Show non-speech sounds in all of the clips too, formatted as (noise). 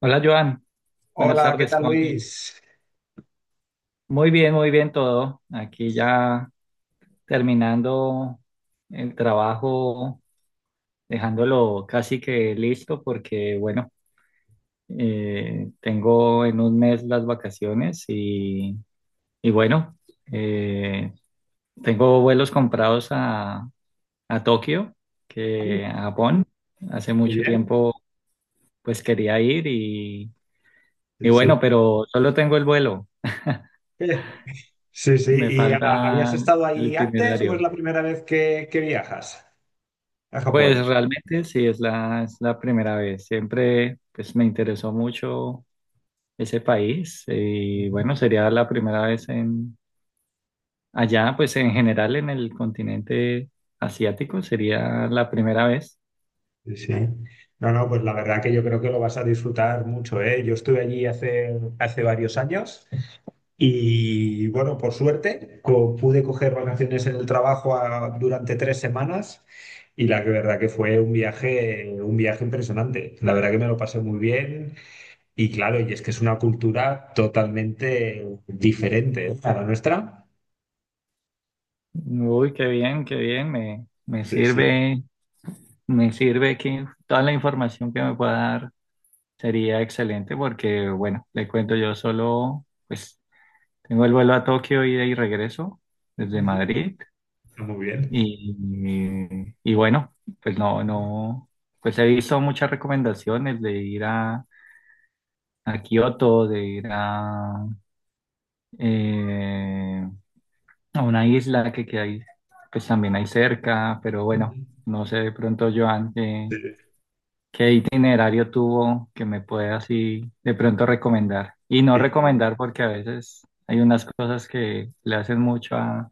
Hola Joan, buenas Hola, ¿qué tardes, tal ¿cómo va todo? Luis? Muy bien todo. Aquí ya terminando el trabajo, dejándolo casi que listo porque, bueno, tengo en un mes las vacaciones y bueno, eh, tengo vuelos comprados a Tokio, Ah, que a Japón. Hace muy mucho bien, tiempo pues quería ir y, y sí, bueno, sí. pero solo tengo el vuelo. Eh, Sí, sí. Me ¿Y habías falta estado el ahí antes o es itinerario. la primera vez que viajas a Pues Japón? realmente sí, es la primera vez. Siempre pues, me interesó mucho ese país y Ujú. bueno, sería la primera vez en allá, pues en general en el continente asiático, sería la primera vez. Sí, sí. No, no, pues la verdad que yo creo que lo vas a disfrutar mucho, ¿eh? Yo estuve allí hace varios años y bueno, por suerte pude coger vacaciones en el trabajo durante tres semanas y la que verdad que fue un viaje impresionante. La verdad que me lo pasé muy bien. Y claro, y es que es una cultura totalmente diferente, ¿eh?, a la nuestra. Uy, qué bien, me, me Sí, sí. sirve, me sirve que toda la información que me pueda dar sería excelente porque bueno, le cuento yo solo, pues tengo el vuelo a Tokio, ida y regreso desde Ujú. Madrid. Está muy bien. Y bueno, pues no, Ujú, no, pues he visto muchas recomendaciones de ir a Kioto, de ir eh, a una isla que hay, pues también hay cerca, pero bueno, ujú. no sé de pronto, Joan, qué, Sí, qué itinerario tuvo que me pueda así de pronto recomendar. Y no y- recomendar porque a veces hay unas cosas que le hacen mucho a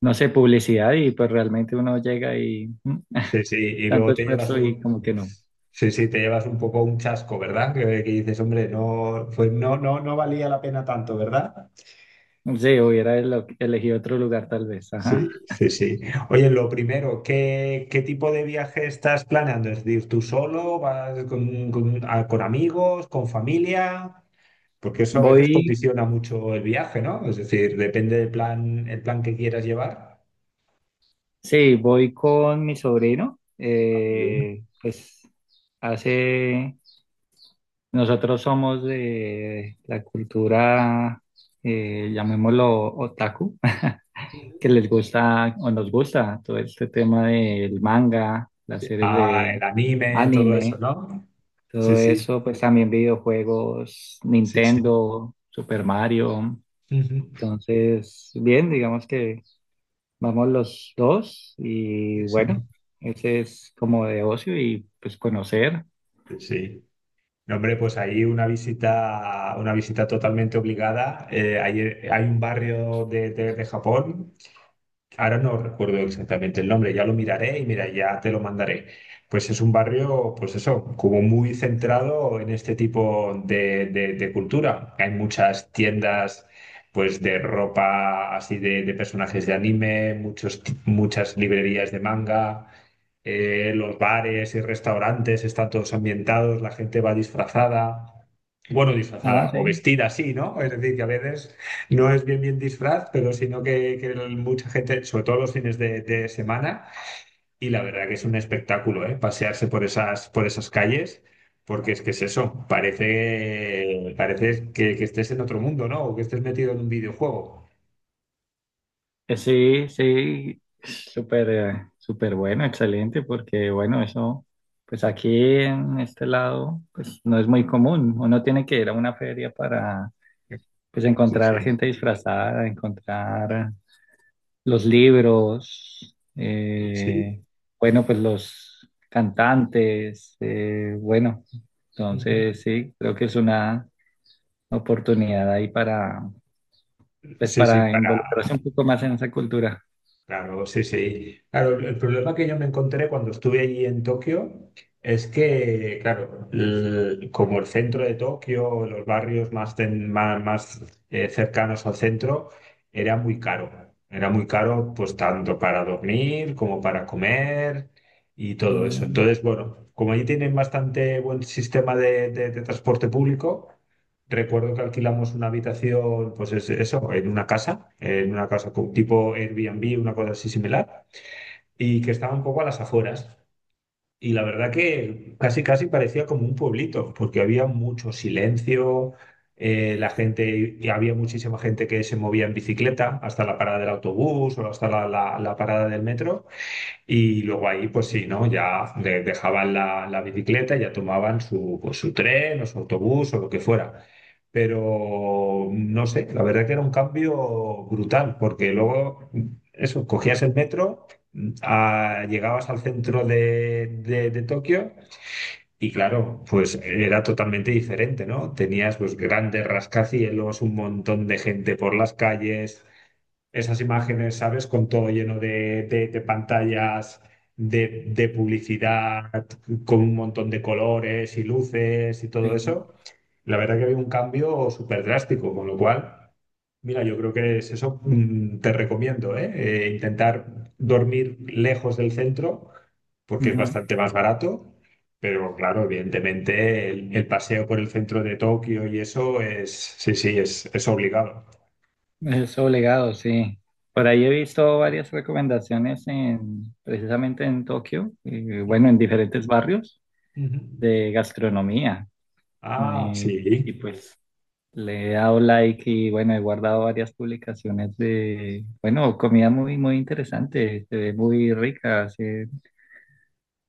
no sé, publicidad y pues realmente uno llega y sí, sí, y tanto luego te llevas esfuerzo y un... como que no. Sí, sí, te llevas un poco un chasco, ¿verdad? Que dices, hombre, no, pues no, no, no valía la pena tanto, ¿verdad? Sí, elegido otro lugar tal vez. Ajá. Sí, sí, sí. Oye, lo primero, ¿qué, qué tipo de viaje estás planeando? ¿Es decir, tú solo? ¿Vas con amigos? ¿Con familia? Porque eso a veces Voy, condiciona mucho el viaje, ¿no? Es decir, depende del plan, el plan que quieras llevar. sí, voy con mi sobrino. Ah, muy bien. Hace, Nosotros somos de la cultura, llamémoslo otaku, (laughs) que les gusta o nos gusta todo este tema del manga, las series Ah, el de anime, todo eso, anime. ¿no? Sí, Todo sí, eso, pues también videojuegos, sí, sí. Nintendo, Super Mario. Ujú. Entonces, bien, digamos que vamos los dos y Sí, sí, bueno, ese es como de ocio y pues conocer. sí. Sí. No, hombre, pues ahí una visita totalmente obligada. Hay un barrio de, de Japón. Ahora no recuerdo exactamente el nombre, ya lo miraré y mira, ya te lo mandaré. Pues es un barrio, pues eso, como muy centrado en este tipo de, de cultura. Hay muchas tiendas, pues de ropa así de personajes de anime, muchos, muchas librerías de manga. Eh, los bares y restaurantes están todos ambientados, la gente va disfrazada, bueno, Ah, disfrazada o sí. vestida así, ¿no? Es decir, que a veces no es bien bien disfraz, pero sino que mucha gente, sobre todo los fines de semana, y la verdad que es un espectáculo, ¿eh? Pasearse por esas calles. Porque es que es eso, parece, parece que estés en otro mundo, ¿no? O que estés metido en un videojuego. Sí, sí, súper, súper bueno, excelente, porque bueno, eso, pues aquí en este lado, pues no es muy común. Uno tiene que ir a una feria para, pues Sí, encontrar sí, gente disfrazada, encontrar los libros, sí. Bueno, pues los cantantes, bueno, Ujú. entonces sí, creo que es una oportunidad ahí para, pues Sí, sí, para para. involucrarse un poco más en esa cultura. Claro, sí, sí. Claro, el problema que yo me encontré cuando estuve allí en Tokio es que, claro, como el centro de Tokio, los barrios más, más, cercanos al centro, era muy caro. Era muy caro, pues tanto para dormir como para comer y todo eso. Mm, Entonces, bueno, como allí tienen bastante buen sistema de de transporte público, recuerdo que alquilamos una habitación, pues eso, en una casa con tipo Airbnb, una cosa así similar, y que estaba un poco a las afueras. Y la verdad que casi, casi parecía como un pueblito, porque había mucho silencio, la gente, y había muchísima gente que se movía en bicicleta hasta la parada del autobús o hasta la parada del metro. Y luego ahí, pues sí, ¿no? Ya dejaban la, la bicicleta, y ya tomaban su, pues, su tren o su autobús o lo que fuera. Pero no sé, la verdad que era un cambio brutal, porque luego, eso, cogías el metro, llegabas al centro de, de Tokio y claro, pues era totalmente diferente, ¿no? Tenías pues grandes rascacielos, un montón de gente por las calles, esas imágenes, ¿sabes? Con todo lleno de, de pantallas, de publicidad, con un montón de colores y luces y todo sí. eso. La verdad que había un cambio súper drástico, con lo cual, mira, yo creo que es eso, te recomiendo, ¿eh? Intentar dormir lejos del centro, porque es Ujú. bastante más barato. Pero claro, evidentemente el paseo por el centro de Tokio y eso es, sí, sí, es obligado. Es obligado, sí. Por ahí he visto varias recomendaciones en, precisamente en Tokio, bueno, Ujú, en diferentes barrios ujú. de gastronomía. Ah, Eh, sí. y pues Le he dado like y bueno, he guardado varias publicaciones de, bueno, comida muy, muy interesante, se ve muy rica, hacen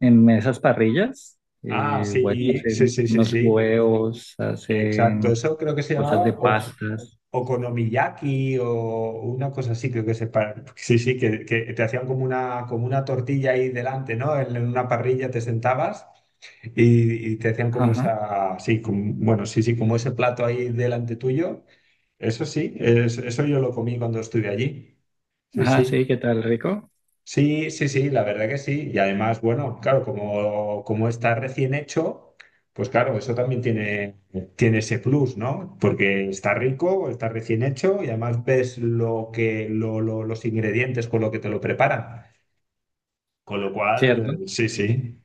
en esas parrillas, Ah, bueno, sí, sí, hacen sí, sí, unos sí. huevos, Exacto. hacen Eso creo que se cosas de llamaba pastas. okonomiyaki o una cosa así, creo que se Sí, sí, que te hacían como una tortilla ahí delante, ¿no? En una parrilla te sentabas y te hacían como Ajá. esa, sí, como- bueno, sí, sí, como ese plato ahí delante tuyo. Eso sí, eso yo lo comí cuando estuve allí. Sí, Ah, sí. sí, qué tal, rico, Sí, sí, sí, la verdad que sí. Y además, bueno, claro, como, como está recién hecho, pues claro, eso también tiene, tiene ese plus, ¿no? Porque está rico, está recién hecho y además ves lo que, los ingredientes con lo que te lo preparan. Con lo ¿cierto? cual, sí, sí.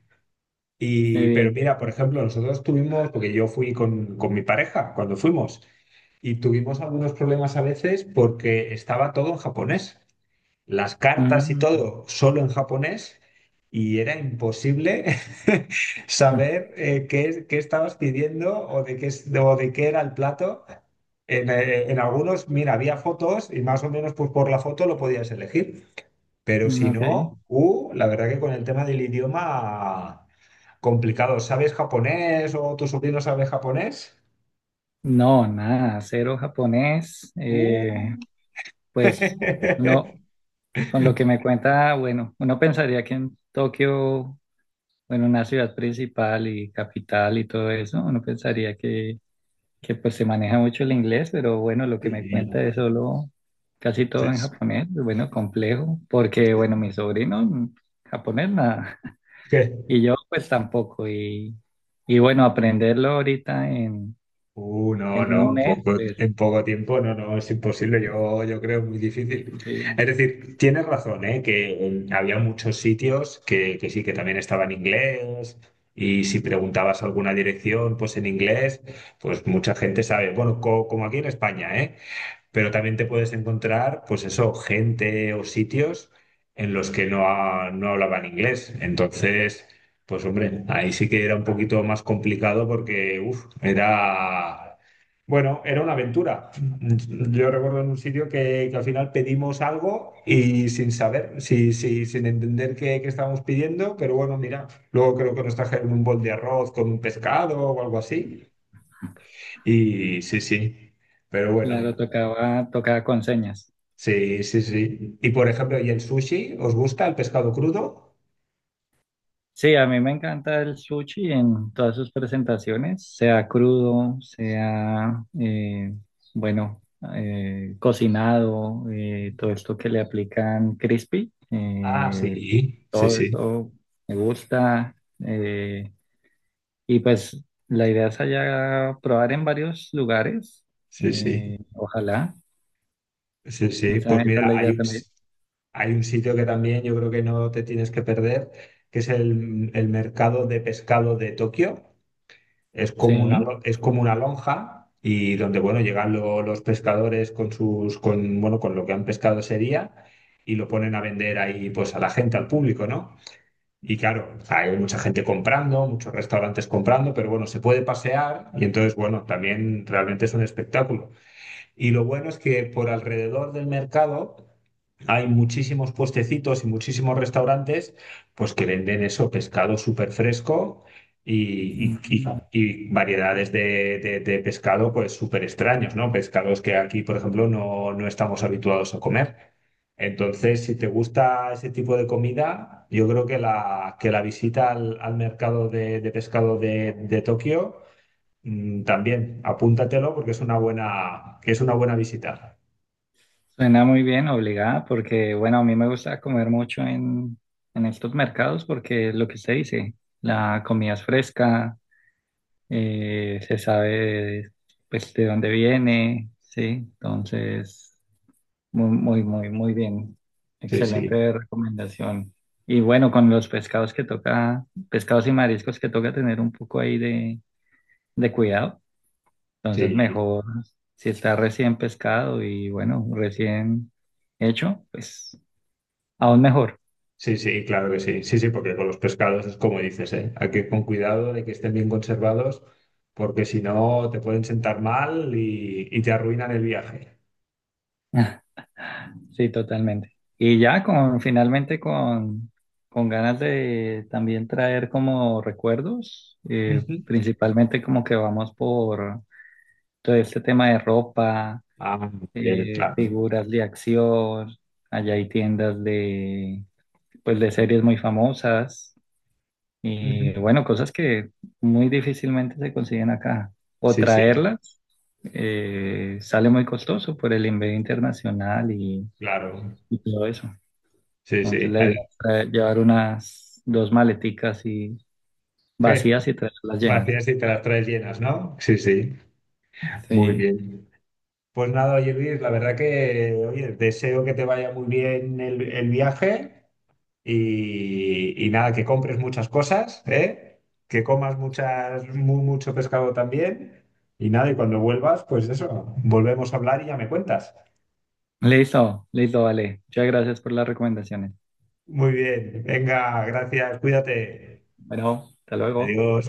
Qué Y, pero bien. mira, por ejemplo, nosotros tuvimos, porque yo fui con mi pareja cuando fuimos, y tuvimos algunos problemas a veces porque estaba todo en japonés, las cartas y Mm, todo solo en japonés y era imposible (laughs) mm, saber, qué, qué estabas pidiendo o de qué, o de qué era el plato. En algunos, mira, había fotos y más o menos pues, por la foto lo podías elegir, pero mm, si ok. no, la verdad que con el tema del idioma complicado. ¿Sabes japonés o tu sobrino sabe japonés? No, nada, cero japonés, Uh. Pues (laughs) no, con lo que me cuenta, bueno, uno pensaría que en Tokio bueno, una ciudad principal y capital y todo eso, uno pensaría que pues se maneja mucho el inglés, pero bueno, lo que me Sí, cuenta es solo casi sí, todo en japonés, bueno, complejo, porque sí. bueno, mi sobrino japonés nada, (laughs) ¿Qué? y yo pues tampoco, y bueno, aprenderlo ahorita No, en un no, mes, pues en poco tiempo, no, no, es imposible, yo creo muy difícil. imposible. Es decir, tienes razón, ¿eh? Que había muchos sitios que sí, que también estaba en inglés, y si preguntabas alguna dirección, pues en inglés, pues mucha gente sabe, bueno, como aquí en España, ¿eh? Pero también te puedes encontrar, pues eso, gente o sitios en los que no, no hablaban inglés. Entonces, pues hombre, ahí sí que era un poquito más complicado porque, uff, era, bueno, era una aventura. Yo recuerdo en un sitio que al final pedimos algo y sin saber, sí, sí, sin entender qué, qué estábamos pidiendo, pero bueno, mira, luego creo que nos trajeron un bol de arroz con un pescado o algo así. Y sí, sí, pero Claro, bueno. tocaba, tocaba con señas. Sí, sí, sí. Y por ejemplo, ¿y el sushi? ¿Os gusta el pescado crudo? Sí, a mí me encanta el sushi en todas sus presentaciones, sea crudo, sea, bueno, cocinado, todo esto que le aplican crispy, Ah, sí, sí, todo sí, eso me gusta. Y pues la idea es allá probar en varios lugares, sí, sí, ojalá, sí, sí. esa, Pues esa es la mira, idea también. hay un sitio que también yo creo que no te tienes que perder, que es el mercado de pescado de Tokio. Es como una, Sí. Es como una lonja y donde, bueno, llegan los pescadores con sus, con, bueno, con lo que han pescado ese día y lo ponen a vender ahí, pues, a la gente, al público, ¿no? Y claro, o sea, hay mucha gente comprando, muchos restaurantes comprando, pero bueno, se puede pasear y entonces, bueno, también realmente es un espectáculo. Y lo bueno es que por alrededor del mercado hay muchísimos puestecitos y muchísimos restaurantes pues que venden eso, pescado súper fresco y, y- y- y variedades de, de pescado pues súper extraños, ¿no? Pescados que aquí, por ejemplo, no, no estamos habituados a comer. Entonces, si te gusta ese tipo de comida, yo creo que la visita al, al mercado de pescado de Tokio, mm, también apúntatelo porque es una buena, que es una buena visita. Suena muy bien, obligada, porque bueno, a mí me gusta comer mucho en estos mercados porque lo que usted dice, la comida es fresca, se sabe pues de dónde viene, sí, entonces muy, muy, muy, muy bien. Sí, sí, Excelente recomendación. Y bueno, con los pescados que toca, pescados y mariscos que toca tener un poco ahí de cuidado, entonces sí, mejor si está recién pescado y bueno, recién hecho, pues. Aún mejor. sí, sí, claro que sí. Sí, sí, porque con los pescados es como dices, ¿eh? Hay que ir con cuidado de que estén bien conservados porque si no te pueden sentar mal y te arruinan el viaje. (laughs) Sí, totalmente. Y ya con finalmente con ganas de también traer como recuerdos, Ujú. principalmente como que vamos por todo este tema de ropa, Ah, muy bien, claro. figuras de acción, allá hay tiendas de pues de series muy famosas Ujú. y bueno, cosas que muy difícilmente se consiguen acá. O Sí, sí, traerlas eh, sale muy costoso por el envío internacional y claro. y todo eso. Sí, Entonces sí. la idea es llevar unas dos maleticas y Je, vacías y traerlas llenas. vacías y te las traes llenas, ¿no? Sí, sí, muy Sí. bien. Pues nada, oye Luis, la verdad que, oye, deseo que te vaya muy bien el viaje y nada, que compres muchas cosas, ¿eh? Que comas muchas, mucho pescado también y nada, y cuando vuelvas, pues eso, volvemos a hablar y ya me cuentas. Listo, listo, vale. Muchas gracias por las recomendaciones. Muy bien, venga, gracias, cuídate. Bueno, hasta luego. Adiós.